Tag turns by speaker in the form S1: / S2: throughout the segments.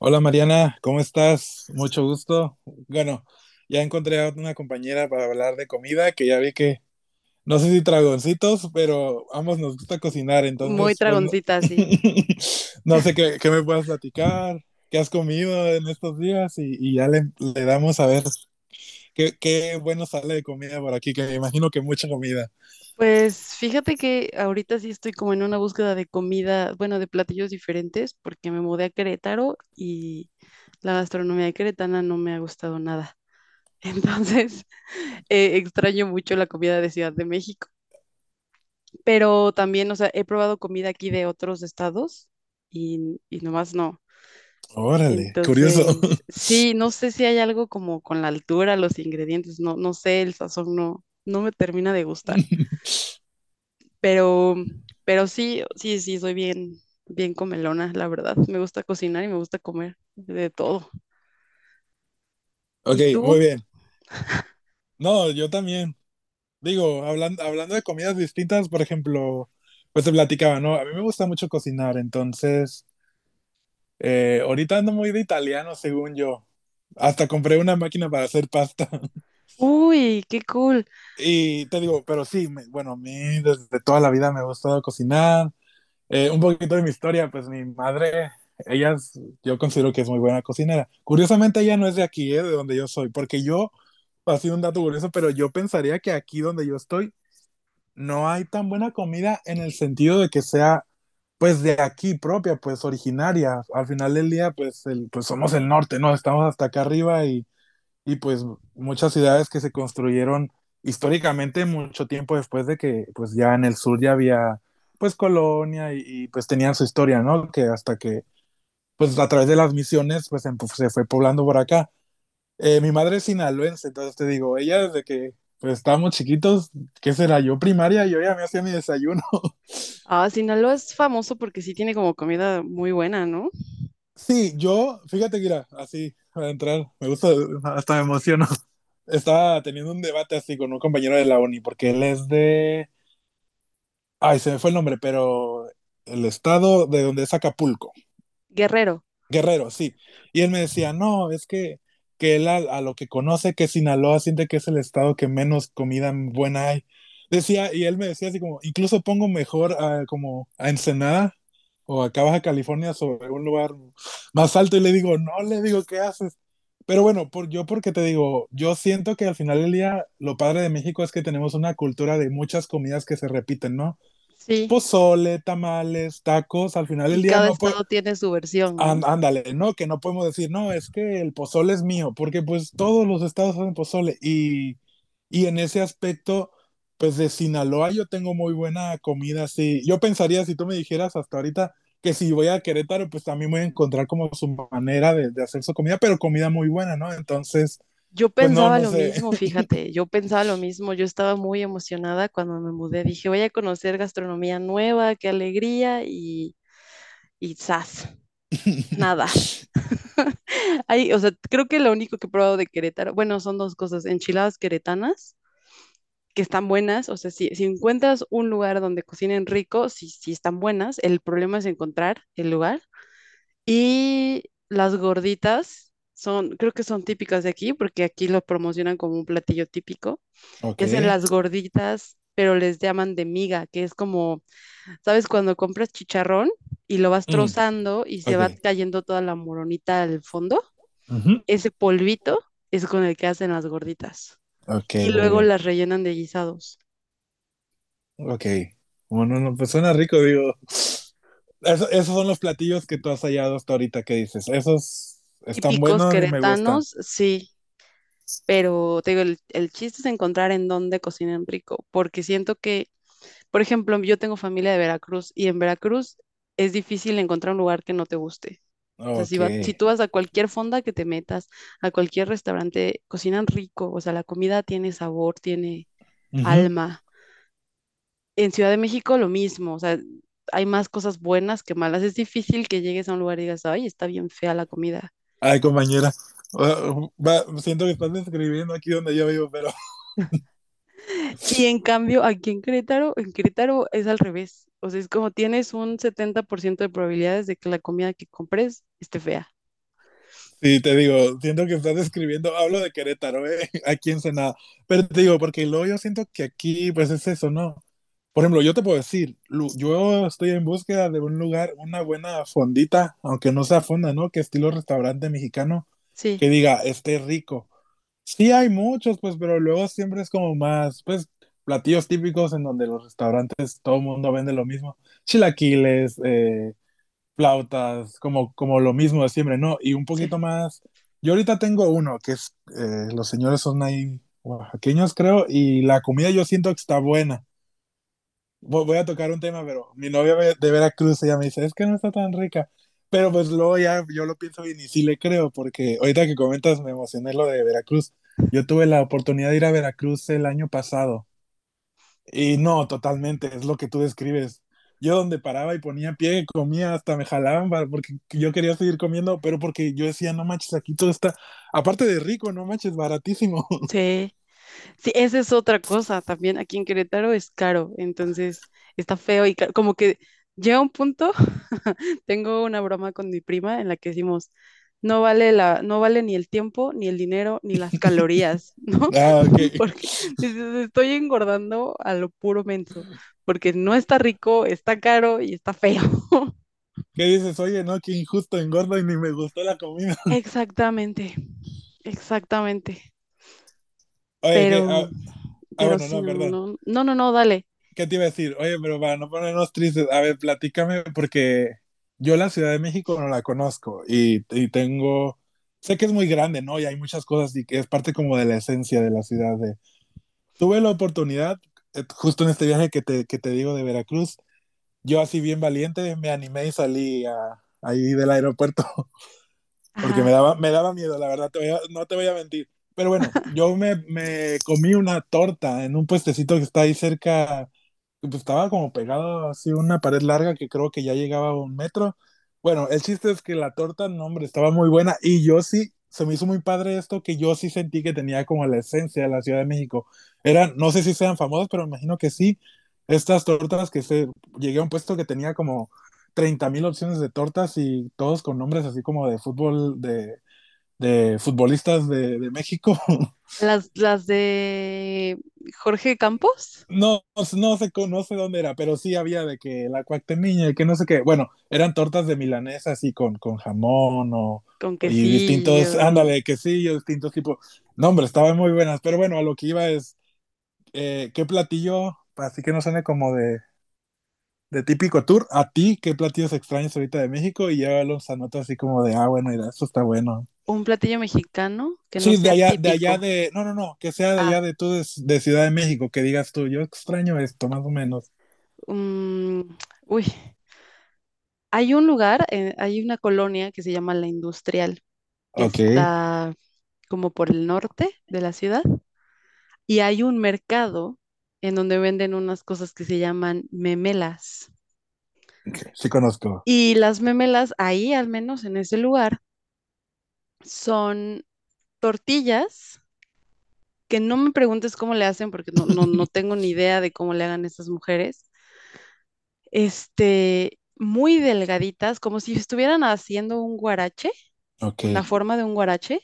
S1: Hola Mariana, ¿cómo estás? Mucho gusto. Bueno, ya encontré a una compañera para hablar de comida, que ya vi que, no sé si dragoncitos, pero ambos nos gusta cocinar,
S2: Muy
S1: entonces, pues, no,
S2: tragoncita, sí.
S1: no sé qué me puedas platicar, qué has comido en estos días y ya le damos a ver qué bueno sale de comida por aquí, que me imagino que mucha comida.
S2: Pues fíjate que ahorita sí estoy como en una búsqueda de comida, bueno, de platillos diferentes, porque me mudé a Querétaro y la gastronomía queretana no me ha gustado nada. Entonces, extraño mucho la comida de Ciudad de México, pero también, o sea, he probado comida aquí de otros estados y nomás no.
S1: Órale, curioso.
S2: Entonces, sí, no sé si hay algo como con la altura, los ingredientes, no, no sé, el sazón no, no me termina de gustar. Pero, pero sí, sí, sí, soy bien, bien comelona, la verdad. Me gusta cocinar y me gusta comer de todo.
S1: Ok,
S2: ¿Y tú?
S1: muy bien. No, yo también. Digo, hablando de comidas distintas, por ejemplo, pues te platicaba, ¿no? A mí me gusta mucho cocinar, entonces, ahorita ando muy de italiano, según yo. Hasta compré una máquina para hacer pasta.
S2: Uy, qué cool.
S1: Y te digo, pero sí, bueno, a mí desde toda la vida me ha gustado cocinar. Un poquito de mi historia, pues mi madre, ella es- yo considero que es muy buena cocinera. Curiosamente, ella no es de aquí, de donde yo soy, porque yo, así un dato curioso, pero yo pensaría que aquí donde yo estoy no hay tan buena comida en el sentido de que sea pues de aquí propia, pues originaria. Al final del día, pues, pues somos el norte, ¿no? Estamos hasta acá arriba y pues muchas ciudades que se construyeron históricamente mucho tiempo después de que pues ya en el sur ya había pues colonia y pues tenían su historia, ¿no? Que hasta que pues a través de las misiones pues se fue poblando por acá. Mi madre es sinaloense, entonces te digo, ella desde que pues, estábamos chiquitos, ¿qué será? Yo primaria, yo ya me hacía mi desayuno.
S2: Ah, Sinaloa es famoso porque sí tiene como comida muy buena, ¿no?
S1: Sí, yo, fíjate que era así, para entrar, me gusta, hasta me emociono. Estaba teniendo un debate así con un compañero de la uni, porque él es de, ay, se me fue el nombre, pero el estado de donde es Acapulco.
S2: Guerrero.
S1: Guerrero, sí. Y él me decía, no, es que él a lo que conoce que Sinaloa siente que es el estado que menos comida buena hay. Decía, y él me decía así como, incluso pongo mejor como a Ensenada o acá Baja California sobre un lugar más alto y le digo, no, le digo, ¿qué haces? Pero bueno, yo porque te digo, yo siento que al final del día lo padre de México es que tenemos una cultura de muchas comidas que se repiten, ¿no?
S2: Sí,
S1: Pozole, tamales, tacos, al final del
S2: y
S1: día
S2: cada
S1: no, pues,
S2: estado tiene su versión, ¿no?
S1: And, ándale, ¿no? Que no podemos decir, no, es que el pozole es mío, porque pues todos los estados hacen pozole y en ese aspecto, pues de Sinaloa yo tengo muy buena comida, sí. Yo pensaría, si tú me dijeras hasta ahorita, que si voy a Querétaro, pues también voy a encontrar como su manera de hacer su comida, pero comida muy buena, ¿no? Entonces,
S2: Yo
S1: pues no,
S2: pensaba
S1: no
S2: lo
S1: sé.
S2: mismo, fíjate, yo pensaba lo mismo, yo estaba muy emocionada cuando me mudé, dije, voy a conocer gastronomía nueva, qué alegría, y ¡zas! Nada. Hay, o sea, creo que lo único que he probado de Querétaro, bueno, son dos cosas, enchiladas queretanas, que están buenas, o sea, si encuentras un lugar donde cocinen rico, sí, sí están buenas, el problema es encontrar el lugar. Y las gorditas son, creo que son típicas de aquí, porque aquí lo promocionan como un platillo típico,
S1: Ok.
S2: que hacen las gorditas, pero les llaman de miga, que es como, ¿sabes? Cuando compras chicharrón y lo vas
S1: Mm,
S2: trozando y se va
S1: ok.
S2: cayendo toda la moronita al fondo.
S1: Ujú.
S2: Ese polvito es con el que hacen las gorditas
S1: Ok,
S2: y
S1: muy
S2: luego
S1: bien.
S2: las rellenan de guisados.
S1: Ok. Bueno, no, pues suena rico, digo. Esos son los platillos que tú has hallado hasta ahorita que dices. Esos están
S2: Típicos
S1: buenos y me gustan.
S2: queretanos, sí, pero te digo, el chiste es encontrar en dónde cocinan rico, porque siento que, por ejemplo, yo tengo familia de Veracruz y en Veracruz es difícil encontrar un lugar que no te guste. O sea, si,
S1: Ok.
S2: si tú vas a cualquier fonda que te metas, a cualquier restaurante, cocinan rico, o sea, la comida tiene sabor, tiene
S1: Ujú.
S2: alma. En Ciudad de México lo mismo, o sea, hay más cosas buenas que malas. Es difícil que llegues a un lugar y digas, ay, está bien fea la comida.
S1: Ay, compañera. Siento que estás describiendo aquí donde yo vivo, pero
S2: Y en cambio, aquí en Querétaro es al revés. O sea, es como tienes un 70% de probabilidades de que la comida que compres esté fea.
S1: sí, te digo, siento que estás describiendo, hablo de Querétaro, ¿eh? Aquí en Senada. Pero te digo, porque luego yo siento que aquí, pues es eso, ¿no? Por ejemplo, yo te puedo decir, yo estoy en búsqueda de un lugar, una buena fondita, aunque no sea fonda, ¿no? Que estilo restaurante mexicano, que
S2: Sí,
S1: diga, esté rico. Sí hay muchos, pues, pero luego siempre es como más, pues, platillos típicos en donde los restaurantes todo el mundo vende lo mismo. Chilaquiles, flautas, como, como lo mismo de siempre, ¿no? Y un
S2: sí,
S1: poquito más. Yo ahorita tengo uno, que es, los señores son ahí oaxaqueños, creo, y la comida yo siento que está buena. Voy a tocar un tema, pero mi novia de Veracruz ella me dice, es que no está tan rica. Pero pues luego ya yo lo pienso bien y sí le creo, porque ahorita que comentas me emocioné lo de Veracruz. Yo tuve la oportunidad de ir a Veracruz el año pasado y no, totalmente, es lo que tú describes. Yo donde paraba y ponía pie, comía, hasta me jalaban porque yo quería seguir comiendo, pero porque yo decía, no manches, aquí todo está, aparte de rico, no manches, baratísimo.
S2: sí. Sí, esa es otra cosa también. Aquí en Querétaro es caro, entonces está feo y como que llega un punto. Tengo una broma con mi prima en la que decimos, no vale la, no vale ni el tiempo, ni el dinero, ni las calorías, ¿no?
S1: Ah, ¿qué,
S2: Porque dices, estoy engordando a lo puro menso, porque no está rico, está caro y está feo.
S1: qué dices? Oye, no, qué injusto, engordo y ni me gustó la comida.
S2: Exactamente, exactamente.
S1: Oye,
S2: Pero, pero
S1: bueno,
S2: sí,
S1: no,
S2: no,
S1: perdón.
S2: no, no, no, no, dale.
S1: ¿Qué te iba a decir? Oye, pero para no ponernos tristes, a ver, platícame, porque yo la Ciudad de México no la conozco y tengo, sé que es muy grande, ¿no? Y hay muchas cosas y que es parte como de la esencia de la ciudad. De... Tuve la oportunidad, justo en este viaje que te digo de Veracruz, yo así bien valiente me animé y ahí del aeropuerto, porque me
S2: Ajá.
S1: daba, me daba miedo, la verdad, no te voy a mentir. Pero bueno, yo me comí una torta en un puestecito que está ahí cerca pues, estaba como pegado así una pared larga que creo que ya llegaba a un metro. Bueno, el chiste es que la torta, no, hombre, estaba muy buena y yo sí, se me hizo muy padre esto que yo sí sentí que tenía como la esencia de la Ciudad de México. Eran, no sé si sean famosas, pero me imagino que sí, estas tortas que se, llegué a un puesto que tenía como 30,000 opciones de tortas y todos con nombres así como de fútbol, de futbolistas de México.
S2: Las de Jorge Campos,
S1: No, no sé, no sé dónde era, pero sí había de que la cuactemiña y que no sé qué. Bueno, eran tortas de milanesa así con jamón o,
S2: con
S1: y
S2: quesillo
S1: distintos,
S2: y
S1: ándale, quesillos, distintos tipos. No, hombre, estaban muy buenas, pero bueno, a lo que iba es, ¿qué platillo, así que no suene como de típico tour, a ti, qué platillos extraños ahorita de México? Y llévalos a nota así como de, ah, bueno, mira, eso está bueno.
S2: un platillo mexicano que no
S1: Sí, de
S2: sea
S1: allá, de allá
S2: típico.
S1: de, no, no, no, que sea de allá
S2: Ah,
S1: de tú de Ciudad de México, que digas tú, yo extraño esto, más o menos.
S2: mm, uy, hay un lugar, hay una colonia que se llama La Industrial, que
S1: Ok,
S2: está como por el norte de la ciudad, y hay un mercado en donde venden unas cosas que se llaman memelas.
S1: okay, sí conozco.
S2: Y las memelas ahí, al menos en ese lugar, son tortillas que no me preguntes cómo le hacen porque no, no, no tengo ni idea de cómo le hagan estas mujeres. Este, muy delgaditas, como si estuvieran haciendo un guarache,
S1: Ok.
S2: la forma de un guarache,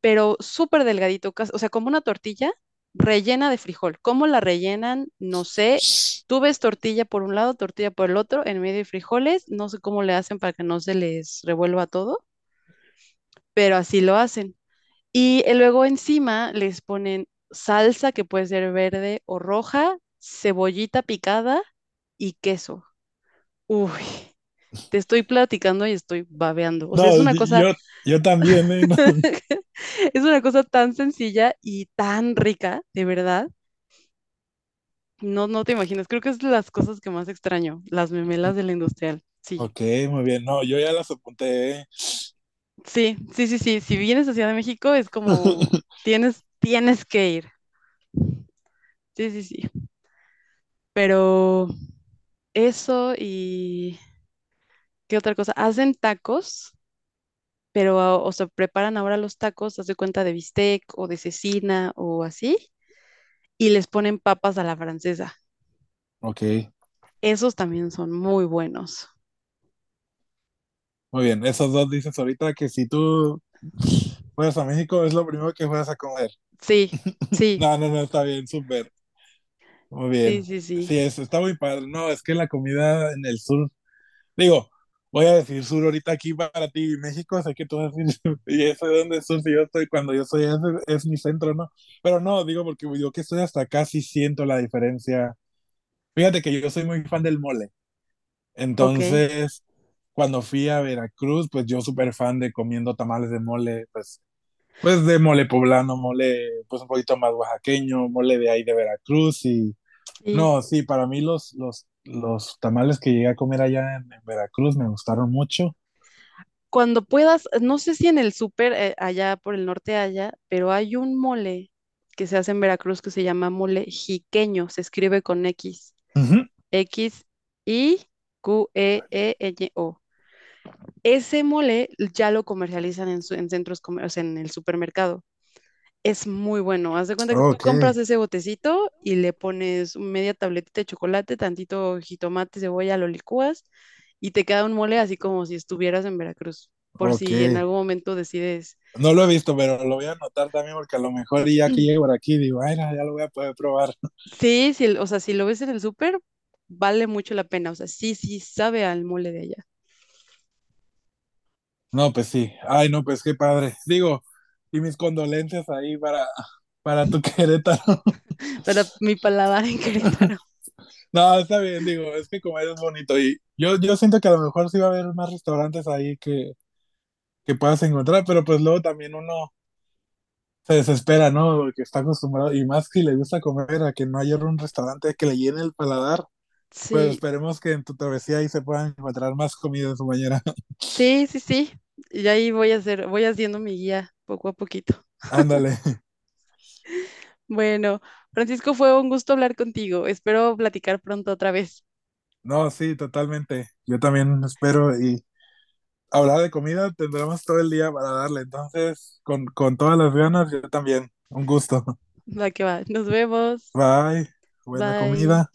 S2: pero súper delgadito, o sea, como una tortilla rellena de frijol. ¿Cómo la rellenan? No sé. Tú ves tortilla por un lado, tortilla por el otro, en medio de frijoles, no sé cómo le hacen para que no se les revuelva todo, pero así lo hacen. Y luego encima les ponen salsa que puede ser verde o roja, cebollita picada y queso. Uy, te estoy platicando y estoy babeando. O sea,
S1: No,
S2: es una cosa.
S1: yo, yo también, ¿eh? No.
S2: Es una cosa tan sencilla y tan rica, de verdad. No, no te imaginas. Creo que es de las cosas que más extraño, las memelas de la industrial. Sí,
S1: Ok, muy bien. No, yo ya las apunté, ¿eh?
S2: sí, sí, sí, sí. Si vienes a Ciudad de México es como tienes, que ir. Sí, sí, sí. Pero eso y ¿qué otra cosa? Hacen tacos, pero ah, o sea, preparan ahora los tacos, haz de cuenta de bistec o de cecina o así, y les ponen papas a la francesa.
S1: Ok,
S2: Esos también son muy buenos.
S1: muy bien. Esos dos dices ahorita que si tú fueras a México es lo primero que fueras a comer.
S2: Sí, sí,
S1: No, no, no, está bien, súper. Muy
S2: sí,
S1: bien.
S2: sí, sí.
S1: Sí, eso está muy padre. No, es que la comida en el sur. Digo, voy a decir sur ahorita aquí para ti, México, sé que tú vas a decir, y eso de donde sur, si yo estoy, cuando yo soy, ese es mi centro, ¿no? Pero no, digo, porque yo que estoy hasta acá sí siento la diferencia. Fíjate que yo soy muy fan del mole,
S2: Ok,
S1: entonces, cuando fui a Veracruz, pues yo súper fan de comiendo tamales de mole, pues, pues de mole poblano, mole, pues un poquito más oaxaqueño, mole de ahí de Veracruz y...
S2: sí.
S1: No, sí, para mí los tamales que llegué a comer allá en Veracruz me gustaron mucho.
S2: Cuando puedas, no sé si en el súper allá por el norte haya, pero hay un mole que se hace en Veracruz que se llama mole jiqueño, se escribe con X,
S1: Ujú.
S2: XIQEEÑO. Ese mole ya lo comercializan en, en centros, o sea, en el supermercado. Es muy bueno. Haz de cuenta que tú
S1: Ok,
S2: compras ese botecito y le pones media tabletita de chocolate, tantito jitomate, cebolla, lo licúas y te queda un mole así como si estuvieras en Veracruz, por
S1: ok.
S2: si en algún momento decides.
S1: No lo he visto, pero lo voy a anotar también porque a lo mejor ya que llego por aquí digo, ay, no, ya lo voy a poder probar.
S2: Sí, sí, o sea, si lo ves en el súper, vale mucho la pena. O sea, sí, sí, sabe al mole de allá.
S1: No, pues sí. Ay, no, pues qué padre. Digo, y mis condolencias ahí para tu Querétaro.
S2: Para mi paladar en Querétaro.
S1: No, está bien, digo, es que comer es bonito y yo siento que a lo mejor sí va a haber más restaurantes ahí que puedas encontrar, pero pues luego también uno se desespera, ¿no? Porque está acostumbrado, y más si le gusta comer, a que no haya un restaurante que le llene el paladar. Pero
S2: Sí,
S1: esperemos que en tu travesía ahí se puedan encontrar más comida, compañera.
S2: sí, sí, sí. Y ahí voy a hacer, voy haciendo mi guía poco a poquito.
S1: Ándale.
S2: Bueno, Francisco, fue un gusto hablar contigo. Espero platicar pronto otra vez.
S1: No, sí, totalmente. Yo también espero y hablar de comida tendremos todo el día para darle. Entonces, con todas las ganas, yo también. Un gusto.
S2: Va que va. Nos vemos.
S1: Bye. Buena
S2: Bye.
S1: comida.